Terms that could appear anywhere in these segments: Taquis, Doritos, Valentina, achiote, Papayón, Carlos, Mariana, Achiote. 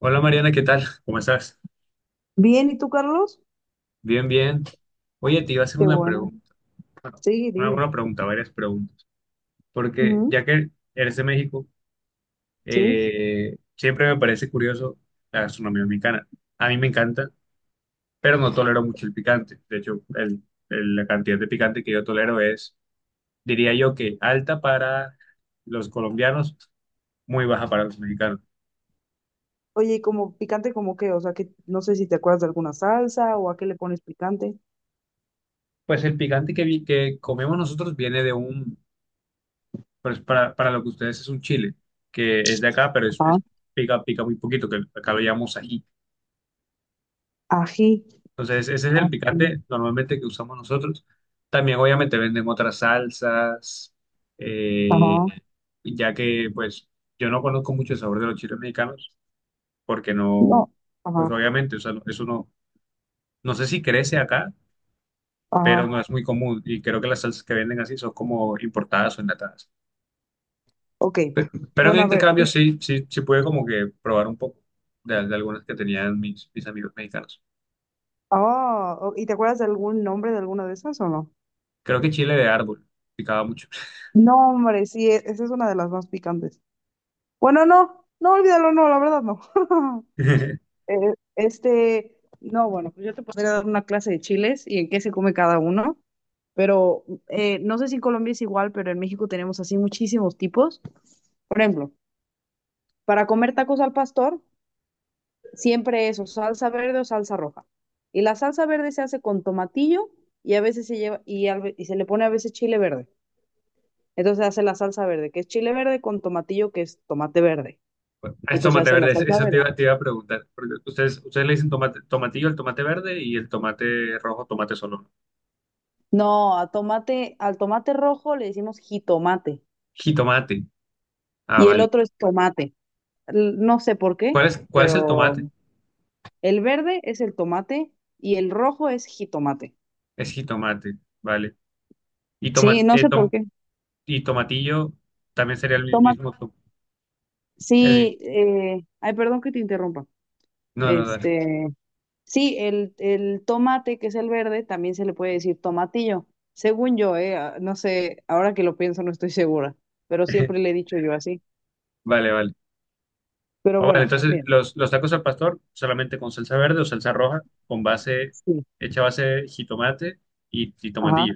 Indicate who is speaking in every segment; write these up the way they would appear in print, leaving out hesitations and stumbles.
Speaker 1: Hola Mariana, ¿qué tal? ¿Cómo estás?
Speaker 2: Bien, ¿y tú, Carlos?
Speaker 1: Bien, bien. Oye, te iba a hacer
Speaker 2: Qué
Speaker 1: una
Speaker 2: bueno.
Speaker 1: pregunta. Bueno,
Speaker 2: Sí,
Speaker 1: una,
Speaker 2: dime.
Speaker 1: una pregunta, varias preguntas. Porque
Speaker 2: Ujú,
Speaker 1: ya que eres de México,
Speaker 2: sí.
Speaker 1: siempre me parece curioso la gastronomía mexicana. A mí me encanta, pero no tolero mucho el picante. De hecho, la cantidad de picante que yo tolero es, diría yo que alta para los colombianos, muy baja para los mexicanos.
Speaker 2: Oye, ¿y como picante como qué? O sea, que no sé si te acuerdas de alguna salsa o a qué le pones picante.
Speaker 1: Pues el picante que comemos nosotros viene pues para lo que ustedes es un chile, que es de acá, pero es,
Speaker 2: Ajá.
Speaker 1: es- pica, pica muy poquito, que acá lo llamamos ají.
Speaker 2: Ají.
Speaker 1: Entonces, ese es el
Speaker 2: Ají.
Speaker 1: picante normalmente que usamos nosotros. También, obviamente, venden otras salsas, eh,
Speaker 2: Ajá.
Speaker 1: ya que, pues, yo no conozco mucho el sabor de los chiles mexicanos, porque
Speaker 2: No.
Speaker 1: no, pues,
Speaker 2: Ajá.
Speaker 1: obviamente, o sea, eso no, no sé si crece acá, pero
Speaker 2: Ajá.
Speaker 1: no es muy común, y creo que las salsas que venden así son como importadas o enlatadas.
Speaker 2: Ok.
Speaker 1: Pero en el
Speaker 2: Bueno, a ver.
Speaker 1: intercambio sí, pude como que probar un poco de, algunas que tenían mis amigos mexicanos.
Speaker 2: Ah, ¿y te acuerdas de algún nombre de alguna de esas o no?
Speaker 1: Creo que chile de árbol picaba mucho.
Speaker 2: No, hombre, sí, esa es una de las más picantes. Bueno, no. No, olvídalo, no, la verdad no. Este, no, bueno, pues yo te podría dar una clase de chiles y en qué se come cada uno, pero no sé si en Colombia es igual, pero en México tenemos así muchísimos tipos. Por ejemplo, para comer tacos al pastor, siempre es o salsa verde o salsa roja. Y la salsa verde se hace con tomatillo y a veces se lleva y se le pone a veces chile verde. Entonces se hace la salsa verde, que es chile verde con tomatillo, que es tomate verde.
Speaker 1: Bueno, ah,
Speaker 2: Y
Speaker 1: es
Speaker 2: entonces
Speaker 1: tomate
Speaker 2: se hace la
Speaker 1: verde, eso
Speaker 2: salsa
Speaker 1: eso
Speaker 2: verde.
Speaker 1: te iba a preguntar. Porque ustedes le dicen tomate, tomatillo al tomate verde y el tomate rojo, tomate solo, ¿no?
Speaker 2: No, a tomate, al tomate rojo le decimos jitomate.
Speaker 1: Jitomate. Ah,
Speaker 2: Y el
Speaker 1: vale.
Speaker 2: otro es tomate. No sé por qué,
Speaker 1: Cuál es el
Speaker 2: pero
Speaker 1: tomate?
Speaker 2: el verde es el tomate y el rojo es jitomate.
Speaker 1: Es jitomate, vale. Y,
Speaker 2: Sí,
Speaker 1: toma,
Speaker 2: no sé por qué.
Speaker 1: y tomatillo también sería el
Speaker 2: Tomate.
Speaker 1: mismo. El mi-
Speaker 2: Sí, ay, perdón que te interrumpa.
Speaker 1: no, no, dale.
Speaker 2: Este, sí, el tomate, que es el verde, también se le puede decir tomatillo. Según yo, no sé, ahora que lo pienso no estoy segura, pero siempre le he dicho yo así.
Speaker 1: Vale, vale.
Speaker 2: Pero
Speaker 1: Ah, vale,
Speaker 2: bueno,
Speaker 1: entonces
Speaker 2: bien.
Speaker 1: los tacos al pastor solamente con salsa verde o salsa roja, con base,
Speaker 2: Sí.
Speaker 1: hecha base de jitomate y
Speaker 2: Ajá.
Speaker 1: tomatillo.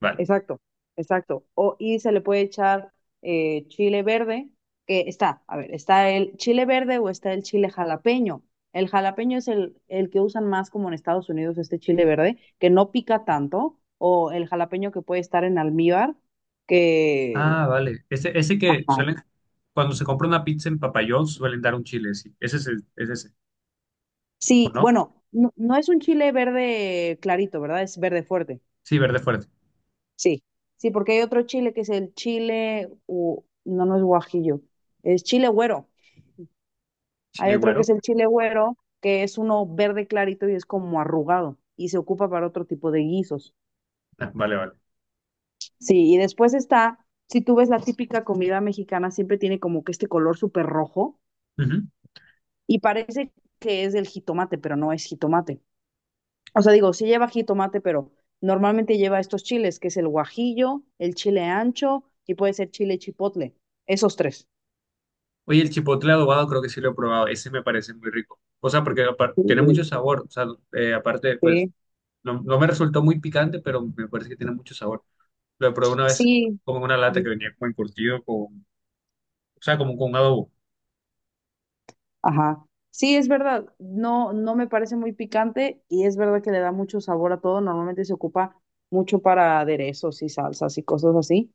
Speaker 1: Vale.
Speaker 2: Exacto, exacto. O, y se le puede echar chile verde, que está, a ver, está el chile verde o está el chile jalapeño. El jalapeño es el que usan más como en Estados Unidos, este chile verde, que no pica tanto, o el jalapeño que puede estar en almíbar, que...
Speaker 1: Ah, vale. Ese que
Speaker 2: Ajá.
Speaker 1: suelen, cuando se compra una pizza en Papayón, suelen dar un chile, sí. Ese es, es ese, ¿o
Speaker 2: Sí,
Speaker 1: no?
Speaker 2: bueno, no, no es un chile verde clarito, ¿verdad? Es verde fuerte.
Speaker 1: Sí, verde fuerte.
Speaker 2: Sí, sí, porque hay otro chile que es el chile, no, no es guajillo, es chile güero. Hay
Speaker 1: Chile
Speaker 2: otro que es
Speaker 1: güero.
Speaker 2: el chile güero, que es uno verde clarito y es como arrugado y se ocupa para otro tipo de guisos.
Speaker 1: Ah, vale, vale.
Speaker 2: Sí, y después está, si tú ves la típica comida mexicana, siempre tiene como que este color súper rojo
Speaker 1: Ujú.
Speaker 2: y parece que es del jitomate, pero no es jitomate. O sea, digo, sí lleva jitomate, pero normalmente lleva estos chiles, que es el guajillo, el chile ancho y puede ser chile chipotle. Esos tres.
Speaker 1: Oye, el chipotle adobado creo que sí lo he probado. Ese me parece muy rico. O sea, porque
Speaker 2: Sí,
Speaker 1: tiene mucho
Speaker 2: delicioso.
Speaker 1: sabor. O sea, aparte, pues,
Speaker 2: Sí.
Speaker 1: no, no me resultó muy picante, pero me parece que tiene mucho sabor. Lo probé una vez
Speaker 2: Sí.
Speaker 1: como en una lata que
Speaker 2: Ujú.
Speaker 1: venía como encurtido con, o sea, como con un adobo
Speaker 2: Ajá. Sí, es verdad. No, no me parece muy picante y es verdad que le da mucho sabor a todo. Normalmente se ocupa mucho para aderezos y salsas y cosas así,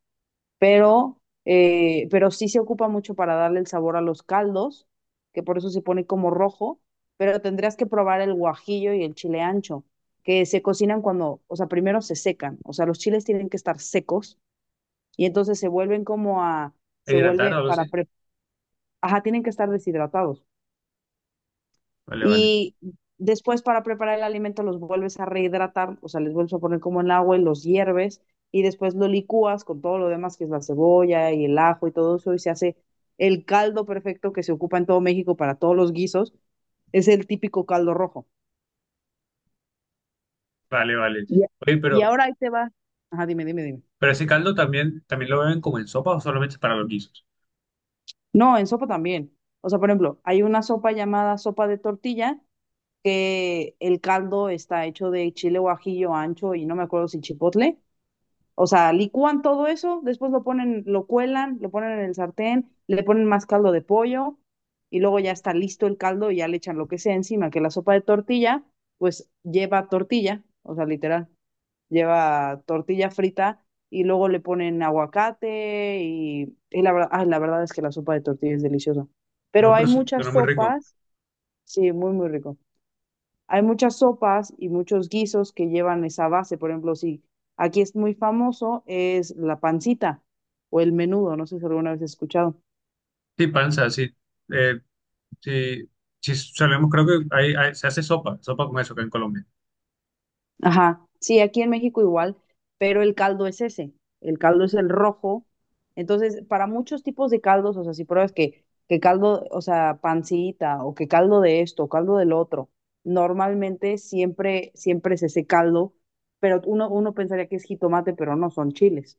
Speaker 2: pero sí se ocupa mucho para darle el sabor a los caldos, que por eso se pone como rojo, pero tendrías que probar el guajillo y el chile ancho, que se cocinan cuando, o sea, primero se secan, o sea, los chiles tienen que estar secos y entonces se vuelven como a,
Speaker 1: e
Speaker 2: se
Speaker 1: hidratado o
Speaker 2: vuelve
Speaker 1: algo así.
Speaker 2: para, ajá, tienen que estar deshidratados.
Speaker 1: Vale, vale,
Speaker 2: Y después para preparar el alimento los vuelves a rehidratar, o sea, les vuelves a poner como en agua y los hierves y después lo licúas con todo lo demás que es la cebolla y el ajo y todo eso y se hace el caldo perfecto que se ocupa en todo México para todos los guisos. Es el típico caldo rojo.
Speaker 1: vale, vale.
Speaker 2: Y
Speaker 1: Oye,
Speaker 2: y ahora ahí te va. Ajá, dime, dime, dime.
Speaker 1: pero ese caldo también, también lo beben como en sopa o solamente para los guisos.
Speaker 2: No, en sopa también. O sea, por ejemplo, hay una sopa llamada sopa de tortilla que el caldo está hecho de chile guajillo ancho y no me acuerdo si chipotle. O sea, licúan todo eso, después lo ponen, lo cuelan, lo ponen en el sartén, le ponen más caldo de pollo y luego ya está listo el caldo y ya le echan lo que sea encima, que la sopa de tortilla, pues lleva tortilla, o sea, literal, lleva tortilla frita y luego le ponen aguacate y la verdad, ay, la verdad es que la sopa de tortilla es deliciosa.
Speaker 1: No,
Speaker 2: Pero
Speaker 1: pero
Speaker 2: hay muchas
Speaker 1: suena muy rico.
Speaker 2: sopas, sí, muy, muy rico. Hay muchas sopas y muchos guisos que llevan esa base. Por ejemplo, si aquí es muy famoso, es la pancita o el menudo. No sé si alguna vez has escuchado.
Speaker 1: Sí, panza, sí. Eh, sí, sí, solemos, creo que se hace sopa, sopa con eso acá en Colombia.
Speaker 2: Ajá. Sí, aquí en México igual, pero el caldo es ese. El caldo es el rojo. Entonces, para muchos tipos de caldos, o sea, si pruebas que, caldo, o sea, pancita o que caldo de esto, o caldo del otro, normalmente siempre, siempre es ese caldo, pero uno pensaría que es jitomate, pero no, son chiles.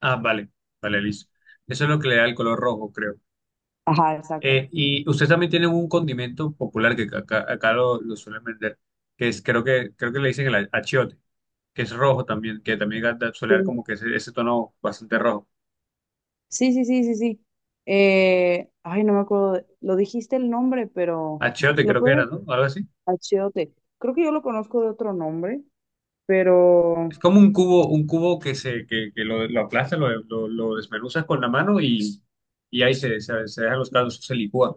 Speaker 1: Ah, vale, vale, listo. Eso es lo que le da el color rojo, creo.
Speaker 2: Ajá, exacto.
Speaker 1: Y ustedes también tienen un condimento popular que acá, acá lo suelen vender, que es, creo que le dicen el achiote, que es rojo también, que también suele dar
Speaker 2: Sí.
Speaker 1: como que ese tono bastante rojo.
Speaker 2: Sí, sí, sí, sí, sí. Ay, no me acuerdo, lo dijiste el nombre, pero
Speaker 1: Achiote
Speaker 2: lo
Speaker 1: creo que era,
Speaker 2: puedes,
Speaker 1: ¿no? Algo así.
Speaker 2: Achiote. Creo que yo lo conozco de otro nombre, pero
Speaker 1: Es como un cubo que lo aplastas, lo desmenuzas con la mano y ahí se dejan los caldos, se licúa.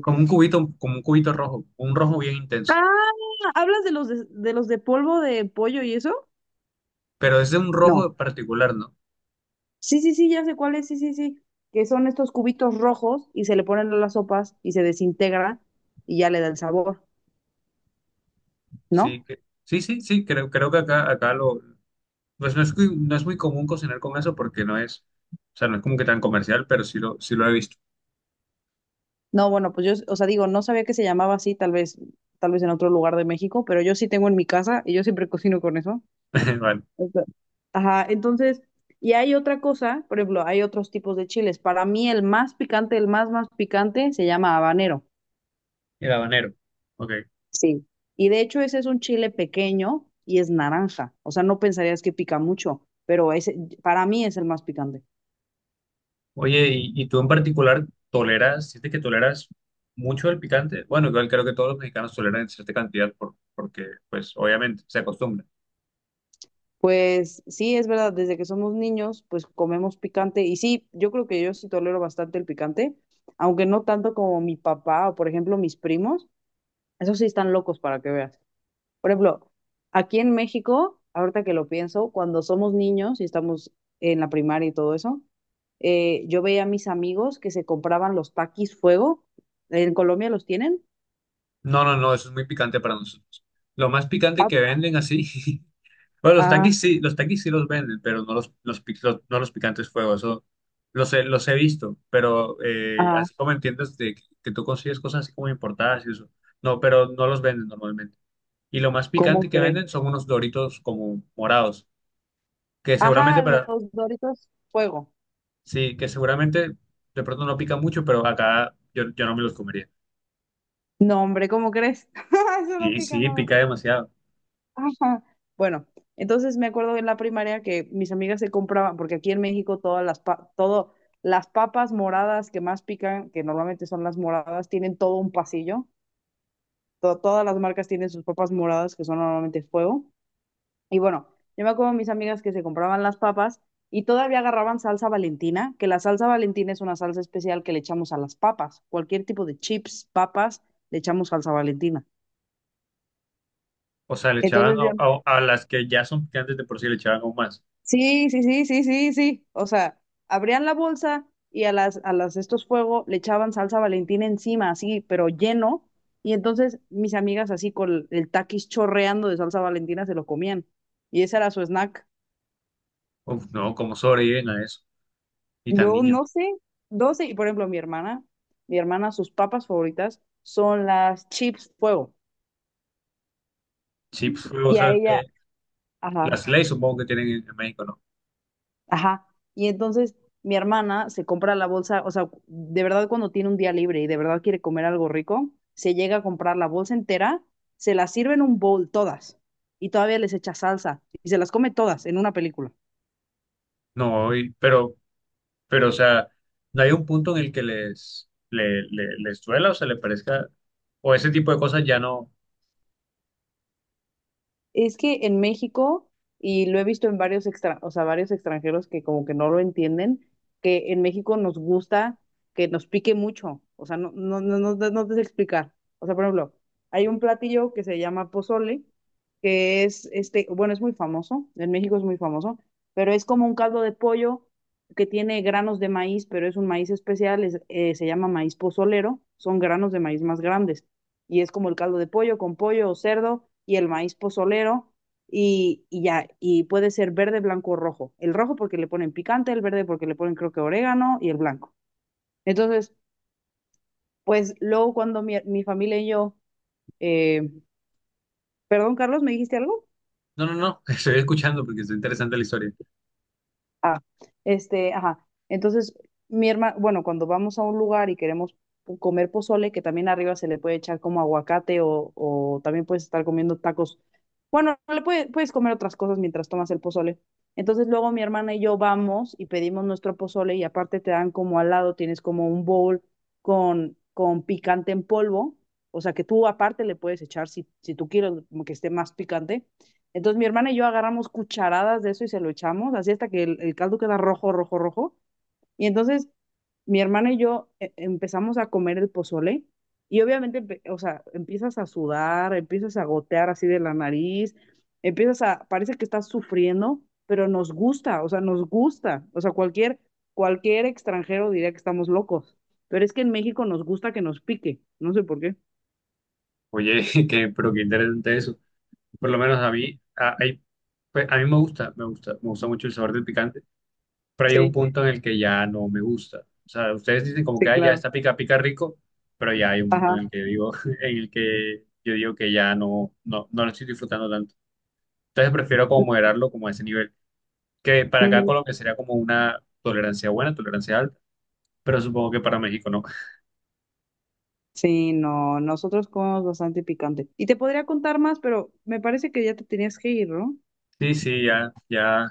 Speaker 1: Como un cubito rojo, un rojo bien intenso.
Speaker 2: Ah, ¿hablas de los de polvo de pollo y eso?
Speaker 1: Pero es de un
Speaker 2: No.
Speaker 1: rojo particular, ¿no?
Speaker 2: Sí, sí, sí, ya sé cuál es, sí, sí, sí. Que son estos cubitos rojos y se le ponen a las sopas y se desintegra y ya le da el sabor,
Speaker 1: Sí,
Speaker 2: ¿no?
Speaker 1: que, sí, creo, creo que acá, acá lo, pues no es, no es muy común cocinar con eso porque no es, o sea, no es como que tan comercial, pero sí lo he visto.
Speaker 2: No, bueno, pues yo, o sea, digo, no sabía que se llamaba así, tal vez en otro lugar de México, pero yo sí tengo en mi casa y yo siempre cocino con eso.
Speaker 1: Vale.
Speaker 2: O sea, ajá, entonces, y hay otra cosa, por ejemplo, hay otros tipos de chiles. Para mí el más picante, el más más picante, se llama habanero.
Speaker 1: El habanero. Ok.
Speaker 2: Sí, y de hecho ese es un chile pequeño y es naranja. O sea, no pensarías que pica mucho, pero ese para mí es el más picante.
Speaker 1: Oye, y tú en particular toleras, sientes que toleras mucho el picante? Bueno, igual creo que todos los mexicanos toleran en cierta cantidad porque, pues, obviamente se acostumbra.
Speaker 2: Pues sí, es verdad, desde que somos niños, pues comemos picante y sí, yo creo que yo sí tolero bastante el picante, aunque no tanto como mi papá o por ejemplo mis primos, esos sí están locos para que veas. Por ejemplo, aquí en México, ahorita que lo pienso, cuando somos niños y estamos en la primaria y todo eso, yo veía a mis amigos que se compraban los taquis fuego, ¿en Colombia los tienen?
Speaker 1: No, no, no, eso es muy picante para nosotros. Lo más picante
Speaker 2: Ah,
Speaker 1: que venden así, bueno, los
Speaker 2: ah,
Speaker 1: taquis sí, los taquis sí los venden, pero no no los picantes fuego, eso los he visto, pero
Speaker 2: ah,
Speaker 1: así como entiendes de que tú consigues cosas así como importadas y eso, no, pero no los venden normalmente. Y lo más
Speaker 2: ¿cómo
Speaker 1: picante que
Speaker 2: crees?
Speaker 1: venden son unos doritos como morados. Que seguramente
Speaker 2: Ajá, los
Speaker 1: para,
Speaker 2: Doritos fuego.
Speaker 1: sí, que seguramente de pronto no pica mucho, pero acá yo, yo no me los comería.
Speaker 2: No, hombre, ¿cómo crees? Eso no
Speaker 1: Sí,
Speaker 2: pica
Speaker 1: sí,
Speaker 2: nada.
Speaker 1: pica demasiado.
Speaker 2: Ajá. Bueno, entonces me acuerdo en la primaria que mis amigas se compraban, porque aquí en México todo, las papas moradas que más pican, que normalmente son las moradas, tienen todo un pasillo. To- todas las marcas tienen sus papas moradas, que son normalmente fuego. Y bueno, yo me acuerdo de mis amigas que se compraban las papas y todavía agarraban salsa Valentina, que la salsa Valentina es una salsa especial que le echamos a las papas. Cualquier tipo de chips, papas, le echamos salsa Valentina.
Speaker 1: O sea, le echaban
Speaker 2: Entonces yo
Speaker 1: a las que ya son picantes de por sí, le echaban aún más.
Speaker 2: sí, sí, sí, sí, sí, sí. O sea, abrían la bolsa y a las, estos fuegos le echaban salsa Valentina encima, así, pero lleno. Y entonces mis amigas así con el taquis chorreando de salsa Valentina se lo comían. Y ese era su snack.
Speaker 1: Uf, no, ¿cómo sobreviven a eso? Y tan
Speaker 2: No, no
Speaker 1: niños.
Speaker 2: sé, no sé. Y por ejemplo, mi hermana, sus papas favoritas son las chips fuego.
Speaker 1: Sí, pues, o
Speaker 2: Y a
Speaker 1: sea,
Speaker 2: ella,
Speaker 1: las
Speaker 2: ajá.
Speaker 1: leyes supongo que tienen en México, ¿no?
Speaker 2: Ajá. Y entonces mi hermana se compra la bolsa, o sea, de verdad cuando tiene un día libre y de verdad quiere comer algo rico, se llega a comprar la bolsa entera, se la sirve en un bowl todas y todavía les echa salsa y se las come todas en una película.
Speaker 1: No, pero, o sea, no hay un punto en el que les, les duela o se le parezca, o ese tipo de cosas ya no.
Speaker 2: Es que en México, y lo he visto en varios extra, o sea, varios extranjeros que como que no lo entienden, que en México nos gusta que nos pique mucho. O sea, no, no, no, no, no te sé explicar. O sea, por ejemplo, hay un platillo que se llama pozole, que es este, bueno, es muy famoso, en México es muy famoso, pero es como un caldo de pollo que tiene granos de maíz, pero es un maíz especial, es, se llama maíz pozolero, son granos de maíz más grandes y es como el caldo de pollo con pollo o cerdo y el maíz pozolero y ya, y puede ser verde, blanco o rojo. El rojo porque le ponen picante, el verde porque le ponen creo que orégano y el blanco. Entonces, pues luego cuando mi familia y yo, eh, perdón Carlos, ¿me dijiste algo?
Speaker 1: No, no, no, estoy escuchando porque es interesante la historia.
Speaker 2: Ah, este, ajá. Entonces, mi hermana, bueno, cuando vamos a un lugar y queremos comer pozole, que también arriba se le puede echar como aguacate o también puedes estar comiendo tacos. Bueno, puedes comer otras cosas mientras tomas el pozole. Entonces, luego mi hermana y yo vamos y pedimos nuestro pozole y aparte te dan como al lado, tienes como un bowl con, picante en polvo. O sea, que tú aparte le puedes echar si tú quieres como que esté más picante, entonces mi hermana y yo agarramos cucharadas de eso y se lo echamos, así hasta que el caldo queda rojo, rojo, rojo. Y entonces mi hermana y yo empezamos a comer el pozole y obviamente, o sea, empiezas a sudar, empiezas a gotear así de la nariz, empiezas a, parece que estás sufriendo, pero nos gusta, o sea, nos gusta. O sea, cualquier, cualquier extranjero diría que estamos locos, pero es que en México nos gusta que nos pique, no sé por qué.
Speaker 1: Oye, que, pero qué interesante eso. Por lo menos a mí, pues, a mí me gusta, me gusta, me gusta mucho el sabor del picante, pero hay un
Speaker 2: Sí,
Speaker 1: punto en el que ya no me gusta. O sea, ustedes dicen como que
Speaker 2: sí,
Speaker 1: "Ah, ya
Speaker 2: claro.
Speaker 1: está pica, pica rico", pero ya hay un punto
Speaker 2: Ajá.
Speaker 1: en el que digo, en el que yo digo que ya no, no, no lo estoy disfrutando tanto. Entonces prefiero como moderarlo como a ese nivel, que para acá
Speaker 2: Ujú.
Speaker 1: Colombia sería como una tolerancia buena, tolerancia alta, pero supongo que para México no.
Speaker 2: Sí, no, nosotros comemos bastante picante. Y te podría contar más, pero me parece que ya te tenías que ir, ¿no?
Speaker 1: Sí, sí, ya, ya.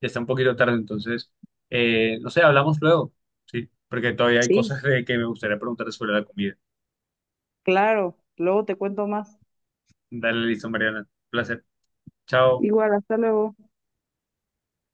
Speaker 1: Ya está un poquito tarde, entonces, no sé, hablamos luego, ¿sí? Porque todavía hay
Speaker 2: Sí,
Speaker 1: cosas de que me gustaría preguntarte sobre la comida.
Speaker 2: claro, luego te cuento más.
Speaker 1: Dale, listo, Mariana. Un placer. Chao.
Speaker 2: Igual, hasta luego.